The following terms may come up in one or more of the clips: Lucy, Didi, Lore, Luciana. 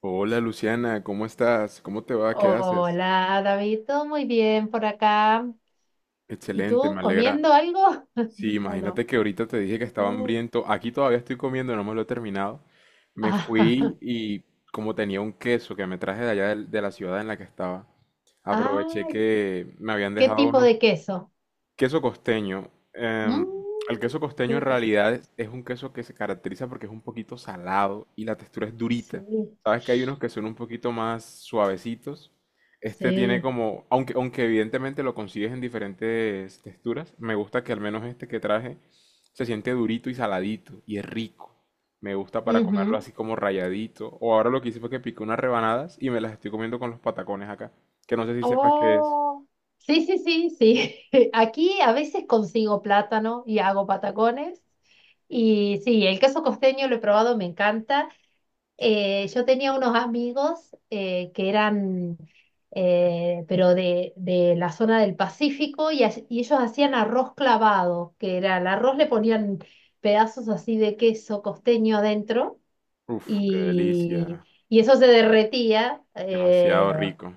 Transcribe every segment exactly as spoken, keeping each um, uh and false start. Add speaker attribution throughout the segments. Speaker 1: Hola Luciana, ¿cómo estás? ¿Cómo te va? ¿Qué haces?
Speaker 2: Hola, David, todo muy bien por acá. ¿Y
Speaker 1: Excelente,
Speaker 2: tú
Speaker 1: me alegra.
Speaker 2: comiendo algo?
Speaker 1: Sí,
Speaker 2: ¿O no?
Speaker 1: imagínate que ahorita te dije que estaba
Speaker 2: Uh,
Speaker 1: hambriento. Aquí todavía estoy comiendo, no me lo he terminado. Me
Speaker 2: ah,
Speaker 1: fui y como tenía un queso que me traje de allá del- de, la ciudad en la que estaba, aproveché
Speaker 2: ay,
Speaker 1: que me habían
Speaker 2: ¿qué
Speaker 1: dejado
Speaker 2: tipo
Speaker 1: unos
Speaker 2: de queso?
Speaker 1: queso costeño. Em,
Speaker 2: Mm,
Speaker 1: el queso costeño
Speaker 2: qué
Speaker 1: en
Speaker 2: rico.
Speaker 1: realidad es, es un queso que se caracteriza porque es un poquito salado y la textura es durita.
Speaker 2: Sí,
Speaker 1: Sabes que hay unos que son un poquito más suavecitos. Este tiene
Speaker 2: sí.
Speaker 1: como, aunque, aunque evidentemente lo consigues en diferentes texturas, me gusta que al menos este que traje se siente durito y saladito y es rico. Me gusta para comerlo
Speaker 2: Ujú.
Speaker 1: así como rayadito. O ahora lo que hice fue que piqué unas rebanadas y me las estoy comiendo con los patacones acá. Que no sé si sepas qué es.
Speaker 2: Oh, sí, sí, sí, sí. Aquí a veces consigo plátano y hago patacones. Y sí, el queso costeño lo he probado, me encanta. Eh, yo tenía unos amigos eh, que eran, eh, pero de, de la zona del Pacífico, y, as- y ellos hacían arroz clavado, que era el arroz, le ponían pedazos así de queso costeño adentro,
Speaker 1: Uf, qué delicia.
Speaker 2: y, y eso se derretía. eh,
Speaker 1: Demasiado rico.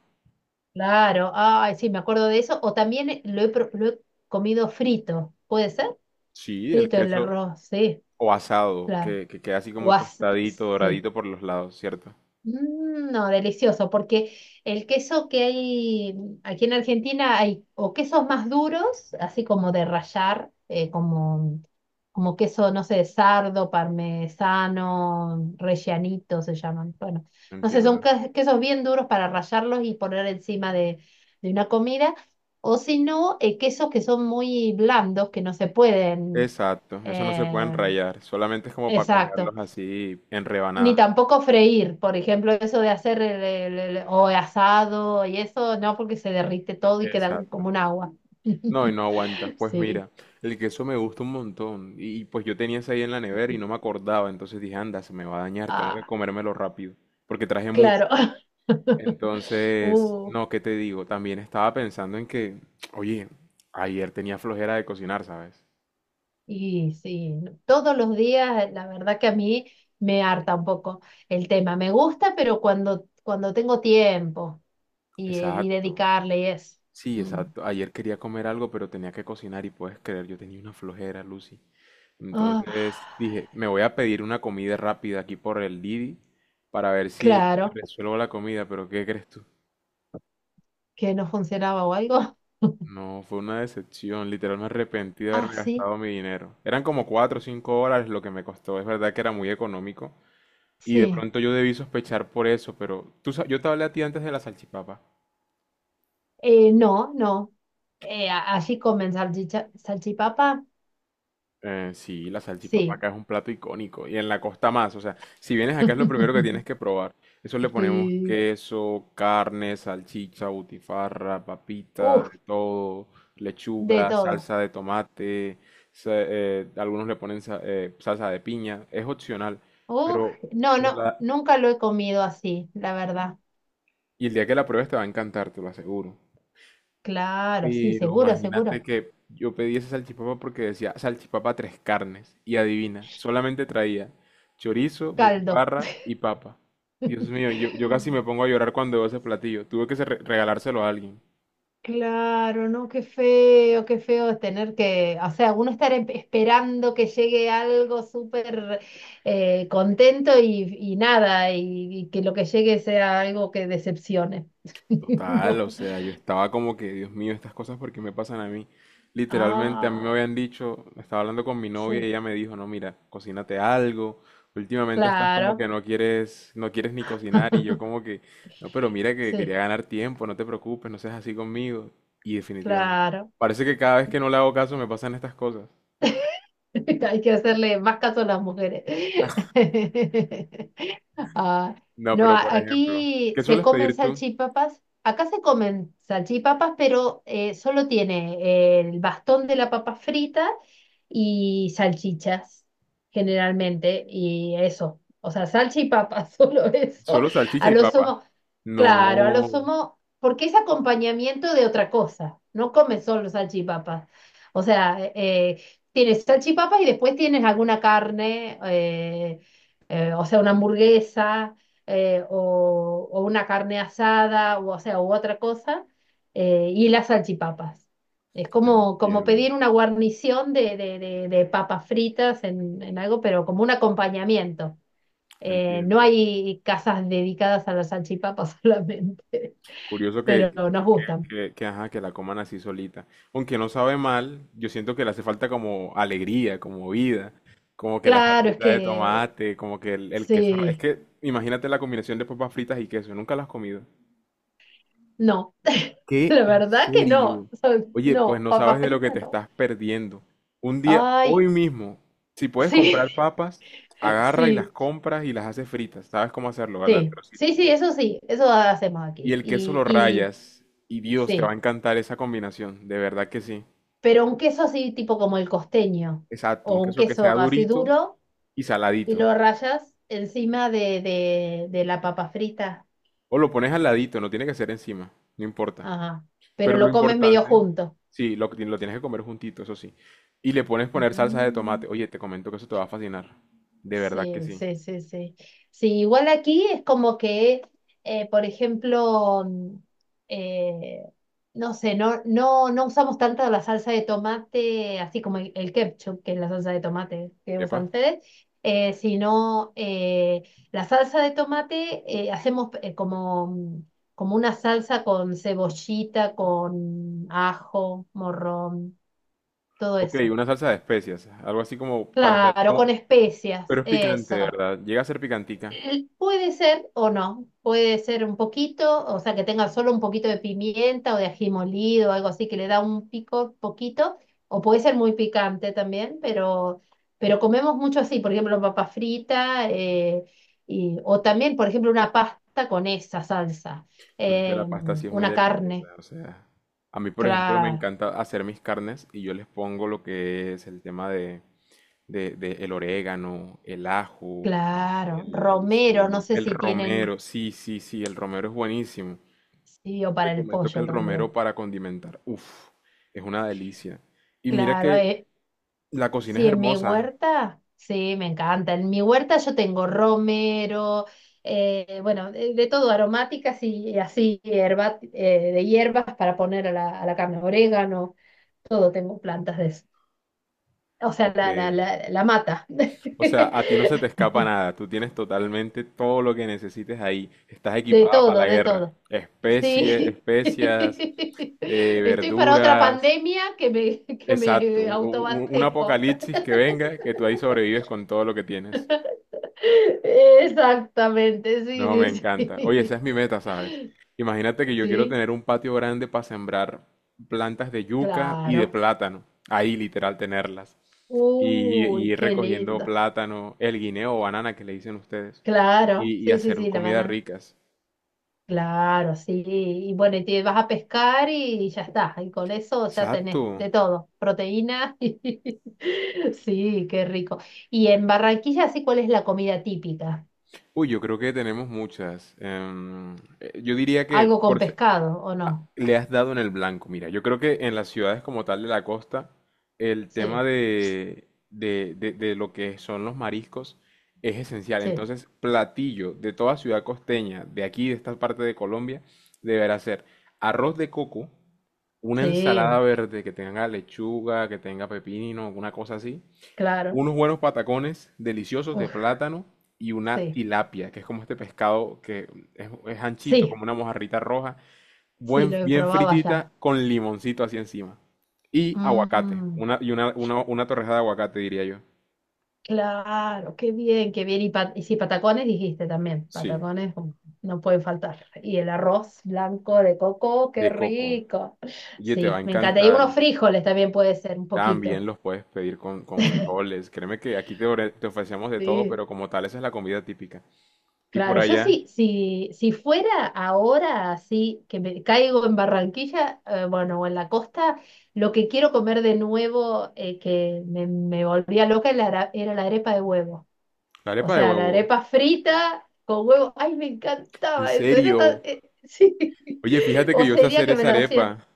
Speaker 2: Claro, ay, sí, me acuerdo de eso. O también lo he, pro- lo he comido frito, ¿puede ser?
Speaker 1: Sí, el
Speaker 2: Frito el
Speaker 1: queso
Speaker 2: arroz, sí,
Speaker 1: o asado,
Speaker 2: claro.
Speaker 1: que, que queda así
Speaker 2: O
Speaker 1: como
Speaker 2: as-
Speaker 1: tostadito,
Speaker 2: sí.
Speaker 1: doradito por los lados, ¿cierto?
Speaker 2: Mm, No, delicioso, porque el queso que hay aquí en Argentina hay o quesos más duros, así como de rallar, eh, como, como queso, no sé, de sardo, parmesano, rellanito se llaman. Bueno, no sé, son
Speaker 1: Entiendo.
Speaker 2: que- quesos bien duros para rallarlos y poner encima de, de una comida, o si no, eh, quesos que son muy blandos, que no se pueden...
Speaker 1: Exacto, eso no se pueden
Speaker 2: eh,
Speaker 1: rayar, solamente es como para
Speaker 2: Exacto.
Speaker 1: comerlos así en
Speaker 2: Ni
Speaker 1: rebanadas.
Speaker 2: tampoco freír, por ejemplo, eso de hacer el, el- el- o asado y eso, no, porque se derrite todo y queda como
Speaker 1: Exacto.
Speaker 2: un agua.
Speaker 1: No, y no aguanta. Pues
Speaker 2: Sí.
Speaker 1: mira, el queso me gusta un montón. Y pues yo tenía ese ahí en la nevera y no me acordaba. Entonces dije, anda, se me va a dañar, tengo que
Speaker 2: Ah,
Speaker 1: comérmelo rápido. Porque traje mucho.
Speaker 2: claro.
Speaker 1: Entonces,
Speaker 2: Uh,
Speaker 1: no, ¿qué te digo? También estaba pensando en que, oye, ayer tenía flojera de cocinar, ¿sabes?
Speaker 2: y sí, no- todos los días, la verdad que a mí me harta un poco el tema. Me gusta, pero cuando, cuando tengo tiempo y, y
Speaker 1: Exacto.
Speaker 2: dedicarle y eso.
Speaker 1: Sí,
Speaker 2: Mm.
Speaker 1: exacto. Ayer quería comer algo, pero tenía que cocinar y puedes creer, yo tenía una flojera, Lucy.
Speaker 2: Ah,
Speaker 1: Entonces dije, me voy a pedir una comida rápida aquí por el Didi para ver si
Speaker 2: claro,
Speaker 1: resuelvo la comida, pero ¿qué crees tú?
Speaker 2: que no funcionaba o algo.
Speaker 1: No, fue una decepción. Literal me arrepentí de
Speaker 2: Ah,
Speaker 1: haberme
Speaker 2: sí.
Speaker 1: gastado mi dinero. Eran como cuatro o cinco dólares lo que me costó. Es verdad que era muy económico, y de
Speaker 2: Sí,
Speaker 1: pronto yo debí sospechar por eso, pero tú, sa- yo te hablé a ti antes de la salchipapa.
Speaker 2: eh, no, no. Eh, a- así comen salchicha, salchipapa,
Speaker 1: Eh, sí, la salchipapa
Speaker 2: sí.
Speaker 1: acá es un plato icónico y en la costa más. O sea, si vienes acá es lo primero que tienes que probar. Eso le ponemos
Speaker 2: Sí.
Speaker 1: queso, carne, salchicha, butifarra, papita,
Speaker 2: Uf,
Speaker 1: de todo,
Speaker 2: de
Speaker 1: lechuga,
Speaker 2: todo.
Speaker 1: salsa de tomate. Sa- eh, algunos le ponen sa- eh, salsa de piña. Es opcional,
Speaker 2: Uf,
Speaker 1: pero,
Speaker 2: no,
Speaker 1: pero
Speaker 2: no,
Speaker 1: la-
Speaker 2: nunca lo he comido así, la verdad.
Speaker 1: y el día que la pruebes te va a encantar, te lo aseguro.
Speaker 2: Claro, sí,
Speaker 1: Pero
Speaker 2: seguro,
Speaker 1: imagínate
Speaker 2: seguro.
Speaker 1: que yo pedí esa salchipapa porque decía salchipapa tres carnes. Y adivina, solamente traía chorizo,
Speaker 2: Caldo.
Speaker 1: butifarra y papa. Dios mío, yo, yo casi me pongo a llorar cuando veo ese platillo. Tuve que se- regalárselo a alguien.
Speaker 2: Claro, no, qué feo, qué feo es tener que, o sea, uno estar em- esperando que llegue algo súper eh, contento y, y nada, y, y que lo que llegue sea algo que decepcione.
Speaker 1: Total,
Speaker 2: No.
Speaker 1: o sea, yo estaba como que, Dios mío, estas cosas porque me pasan a mí. Literalmente a mí me
Speaker 2: Ah,
Speaker 1: habían dicho, estaba hablando con mi novia y
Speaker 2: sí,
Speaker 1: ella me dijo, no, mira, cocínate algo. Últimamente estás como
Speaker 2: claro,
Speaker 1: que no quieres, no quieres ni cocinar y yo como que, no, pero mira que quería
Speaker 2: sí,
Speaker 1: ganar tiempo, no te preocupes, no seas así conmigo. Y definitivamente,
Speaker 2: claro.
Speaker 1: parece que cada vez que no le hago caso me pasan estas cosas.
Speaker 2: Hay que hacerle más caso a las mujeres. Ah,
Speaker 1: No,
Speaker 2: no,
Speaker 1: pero por
Speaker 2: a-
Speaker 1: ejemplo,
Speaker 2: aquí
Speaker 1: ¿qué
Speaker 2: se
Speaker 1: sueles
Speaker 2: comen
Speaker 1: pedir tú?
Speaker 2: salchipapas. Acá se comen salchipapas, pero eh, solo tiene el bastón de la papa frita y salchichas, generalmente, y eso. O sea, salchipapas, solo eso.
Speaker 1: Solo salchicha
Speaker 2: A
Speaker 1: y
Speaker 2: lo
Speaker 1: papa.
Speaker 2: sumo, claro, a lo
Speaker 1: No,
Speaker 2: sumo, porque es acompañamiento de otra cosa. No come solo salchipapas. O sea, eh, tienes salchipapas y después tienes alguna carne, eh, eh, o sea, una hamburguesa eh, o, o una carne asada, o, o sea, u otra cosa, eh, y las salchipapas. Es como, como
Speaker 1: entiendo,
Speaker 2: pedir una guarnición de, de- de- de papas fritas en, en algo, pero como un acompañamiento. Eh, no
Speaker 1: entiendo.
Speaker 2: hay casas dedicadas a las salchipapas solamente,
Speaker 1: Curioso que,
Speaker 2: pero nos
Speaker 1: que, que-
Speaker 2: gustan.
Speaker 1: que, que, ajá, que la coman así solita. Aunque no sabe mal, yo siento que le hace falta como alegría, como vida, como que la
Speaker 2: Claro, es
Speaker 1: salsita de
Speaker 2: que
Speaker 1: tomate, como que el, el queso. Es
Speaker 2: sí.
Speaker 1: que imagínate la combinación de papas fritas y queso, nunca las has comido.
Speaker 2: No,
Speaker 1: ¿Qué?
Speaker 2: la
Speaker 1: ¿En
Speaker 2: verdad que no.
Speaker 1: serio?
Speaker 2: Son-
Speaker 1: Oye, pues
Speaker 2: no,
Speaker 1: no sabes
Speaker 2: papa
Speaker 1: de lo que
Speaker 2: frita
Speaker 1: te
Speaker 2: no.
Speaker 1: estás perdiendo. Un día, hoy
Speaker 2: Ay,
Speaker 1: mismo, si puedes
Speaker 2: sí,
Speaker 1: comprar papas, agarra y las
Speaker 2: sí,
Speaker 1: compras y las haces fritas. ¿Sabes cómo hacerlo, verdad?
Speaker 2: sí, sí, sí, eso sí, eso hacemos
Speaker 1: Y
Speaker 2: aquí.
Speaker 1: el queso lo
Speaker 2: Y, y
Speaker 1: rayas. Y Dios, te va a
Speaker 2: sí,
Speaker 1: encantar esa combinación, de verdad que sí.
Speaker 2: pero un queso así tipo como el costeño,
Speaker 1: Exacto, un
Speaker 2: o un
Speaker 1: queso que sea
Speaker 2: queso así
Speaker 1: durito
Speaker 2: duro
Speaker 1: y
Speaker 2: y
Speaker 1: saladito.
Speaker 2: lo rayas encima de, de, de la papa frita.
Speaker 1: O lo pones al ladito, no tiene que ser encima, no importa.
Speaker 2: Ajá, pero
Speaker 1: Pero
Speaker 2: lo
Speaker 1: lo
Speaker 2: comes medio
Speaker 1: importante,
Speaker 2: junto.
Speaker 1: sí, lo, que ti- lo tienes que comer juntito, eso sí. Y le pones poner salsa de
Speaker 2: Mm.
Speaker 1: tomate. Oye, te comento que eso te va a fascinar. De verdad que
Speaker 2: Sí,
Speaker 1: sí.
Speaker 2: sí, sí, sí. Sí, igual aquí es como que, eh, por ejemplo, mm, eh, no sé, no, no, no usamos tanto la salsa de tomate, así como el, el ketchup, que es la salsa de tomate que usan
Speaker 1: Epa.
Speaker 2: ustedes, eh, sino eh, la salsa de tomate eh, hacemos eh, como, mm, como una salsa con cebollita, con ajo, morrón, todo
Speaker 1: Ok,
Speaker 2: eso.
Speaker 1: una salsa de especias, algo así como para hacer,
Speaker 2: Claro, con
Speaker 1: como,
Speaker 2: especias,
Speaker 1: pero es picante,
Speaker 2: eso.
Speaker 1: ¿verdad? Llega a ser picantica.
Speaker 2: Puede ser o no, puede ser un poquito, o sea, que tenga solo un poquito de pimienta o de ají molido, o algo así que le da un pico poquito, o puede ser muy picante también, pero, pero comemos mucho así, por ejemplo, papa frita, eh, y- o también, por ejemplo, una pasta con esa salsa,
Speaker 1: No es que
Speaker 2: eh,
Speaker 1: la pasta sí es muy
Speaker 2: una
Speaker 1: deliciosa,
Speaker 2: carne,
Speaker 1: o sea, a mí por ejemplo me
Speaker 2: claro,
Speaker 1: encanta hacer mis carnes y yo les pongo lo que es el tema de, de, de el orégano, el ajo,
Speaker 2: claro,
Speaker 1: el, el
Speaker 2: romero, no
Speaker 1: cebollín,
Speaker 2: sé
Speaker 1: el
Speaker 2: si tienen,
Speaker 1: romero, sí, sí, sí, el romero es buenísimo.
Speaker 2: sí, o
Speaker 1: Te
Speaker 2: para el
Speaker 1: comento que
Speaker 2: pollo
Speaker 1: el romero
Speaker 2: también,
Speaker 1: para condimentar, uff, es una delicia. Y mira
Speaker 2: claro,
Speaker 1: que
Speaker 2: eh,
Speaker 1: la cocina es
Speaker 2: sí, en mi
Speaker 1: hermosa,
Speaker 2: huerta, sí, me encanta. En mi huerta yo tengo romero, eh, bueno, de, de todo, aromáticas y, y así, hierba, eh, de hierbas para poner a la, a la carne, orégano, todo, tengo plantas de eso. O sea,
Speaker 1: ok,
Speaker 2: la, la, la, la mata.
Speaker 1: o sea, a ti no se te escapa nada, tú tienes totalmente todo lo que necesites ahí, estás
Speaker 2: De
Speaker 1: equipada para
Speaker 2: todo,
Speaker 1: la
Speaker 2: de
Speaker 1: guerra,
Speaker 2: todo.
Speaker 1: especies,
Speaker 2: Sí.
Speaker 1: especias, eh,
Speaker 2: Estoy para otra
Speaker 1: verduras,
Speaker 2: pandemia que me, que
Speaker 1: exacto,
Speaker 2: me
Speaker 1: un, un- un
Speaker 2: autoabastezco.
Speaker 1: apocalipsis que venga, que tú ahí sobrevives con todo lo que tienes.
Speaker 2: Exactamente,
Speaker 1: No, me
Speaker 2: sí,
Speaker 1: encanta. Oye, esa
Speaker 2: sí,
Speaker 1: es mi meta, ¿sabes?
Speaker 2: sí.
Speaker 1: Imagínate que yo quiero
Speaker 2: Sí.
Speaker 1: tener un patio grande para sembrar plantas de yuca y de
Speaker 2: Claro.
Speaker 1: plátano, ahí literal tenerlas. Y, y
Speaker 2: Uy,
Speaker 1: ir
Speaker 2: qué
Speaker 1: recogiendo
Speaker 2: lindo.
Speaker 1: plátano, el guineo o banana que le dicen ustedes,
Speaker 2: Claro.
Speaker 1: y, y
Speaker 2: Sí, sí,
Speaker 1: hacer
Speaker 2: sí, la
Speaker 1: comidas
Speaker 2: banana.
Speaker 1: ricas.
Speaker 2: Claro, sí. Y bueno, y te vas a pescar y ya está. Y con eso ya tenés
Speaker 1: Exacto.
Speaker 2: de todo. Proteína. Y... sí, qué rico. Y en Barranquilla, sí, ¿cuál es la comida típica?
Speaker 1: Uy, yo creo que tenemos muchas. Em, eh, yo diría que
Speaker 2: ¿Algo con
Speaker 1: por, se-
Speaker 2: pescado o no?
Speaker 1: le has dado en el blanco. Mira, yo creo que en las ciudades como tal de la costa, el tema
Speaker 2: Sí,
Speaker 1: de, de, de, de lo que son los mariscos es esencial.
Speaker 2: sí,
Speaker 1: Entonces, platillo de toda ciudad costeña, de aquí, de esta parte de Colombia, deberá ser arroz de coco, una ensalada
Speaker 2: sí,
Speaker 1: verde que tenga lechuga, que tenga pepino, una cosa así,
Speaker 2: claro.
Speaker 1: unos buenos patacones deliciosos de
Speaker 2: Uf,
Speaker 1: plátano y una
Speaker 2: sí,
Speaker 1: tilapia, que es como este pescado que es, es anchito,
Speaker 2: sí,
Speaker 1: como una mojarrita roja,
Speaker 2: sí, lo
Speaker 1: buen-
Speaker 2: he
Speaker 1: bien
Speaker 2: probado allá.
Speaker 1: fritita con limoncito así encima. Y aguacate,
Speaker 2: Mm.
Speaker 1: una, y una, una, una torrejada de aguacate, diría yo.
Speaker 2: Claro, qué bien, qué bien. Y, pa- y sí, patacones dijiste también,
Speaker 1: Sí,
Speaker 2: patacones um, no pueden faltar. Y el arroz blanco de coco, qué
Speaker 1: de coco.
Speaker 2: rico.
Speaker 1: Oye, te va
Speaker 2: Sí,
Speaker 1: a
Speaker 2: me encanta. Y unos
Speaker 1: encantar.
Speaker 2: frijoles también puede ser un
Speaker 1: También
Speaker 2: poquito.
Speaker 1: los puedes pedir con, con frijoles. Créeme que aquí te, ore- te ofrecemos de todo,
Speaker 2: Sí,
Speaker 1: pero como tal, esa es la comida típica. Y por
Speaker 2: claro, yo
Speaker 1: allá,
Speaker 2: sí, si, si fuera ahora así, que me caigo en Barranquilla, eh, bueno, o en la costa, lo que quiero comer de nuevo, eh, que me, me volvía loca, era, la era la arepa de huevo.
Speaker 1: la
Speaker 2: O
Speaker 1: arepa de
Speaker 2: sea, la
Speaker 1: huevo.
Speaker 2: arepa frita con huevo. Ay, me
Speaker 1: ¿En
Speaker 2: encantaba eso. Era tan...
Speaker 1: serio?
Speaker 2: eh, sí.
Speaker 1: Oye, fíjate que
Speaker 2: O
Speaker 1: yo sé
Speaker 2: sería
Speaker 1: hacer
Speaker 2: que me
Speaker 1: esa
Speaker 2: lo hacían.
Speaker 1: arepa.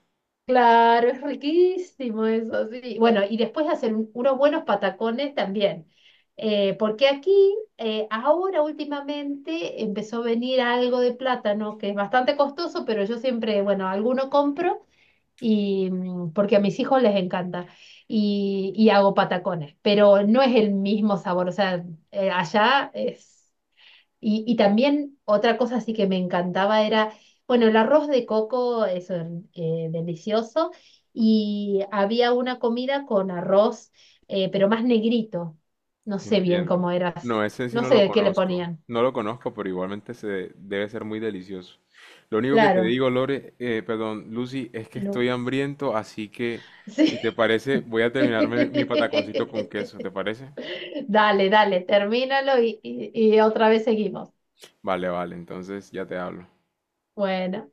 Speaker 2: Claro, es riquísimo eso, sí. Bueno, y después hacer un- unos buenos patacones también. Eh, porque aquí, eh, ahora últimamente, empezó a venir algo de plátano, que es bastante costoso, pero yo siempre, bueno, alguno compro y mm, porque a mis hijos les encanta y, y hago patacones, pero no es el mismo sabor, o sea, eh, allá es... Y, y también otra cosa así que me encantaba era, bueno, el arroz de coco eso eh, delicioso y había una comida con arroz, eh, pero más negrito, no sé bien
Speaker 1: Entiendo.
Speaker 2: cómo era,
Speaker 1: No, ese sí
Speaker 2: no
Speaker 1: no
Speaker 2: sé
Speaker 1: lo
Speaker 2: de qué le
Speaker 1: conozco.
Speaker 2: ponían,
Speaker 1: No lo conozco, pero igualmente se debe ser muy delicioso. Lo único que te
Speaker 2: claro,
Speaker 1: digo, Lore, eh, perdón, Lucy, es que estoy
Speaker 2: Lu.
Speaker 1: hambriento, así que si te
Speaker 2: Sí.
Speaker 1: parece, voy a terminarme mi pataconcito con queso, ¿te parece?
Speaker 2: Dale, dale, termínalo y, y y otra vez seguimos.
Speaker 1: Vale, vale, entonces ya te hablo.
Speaker 2: Bueno.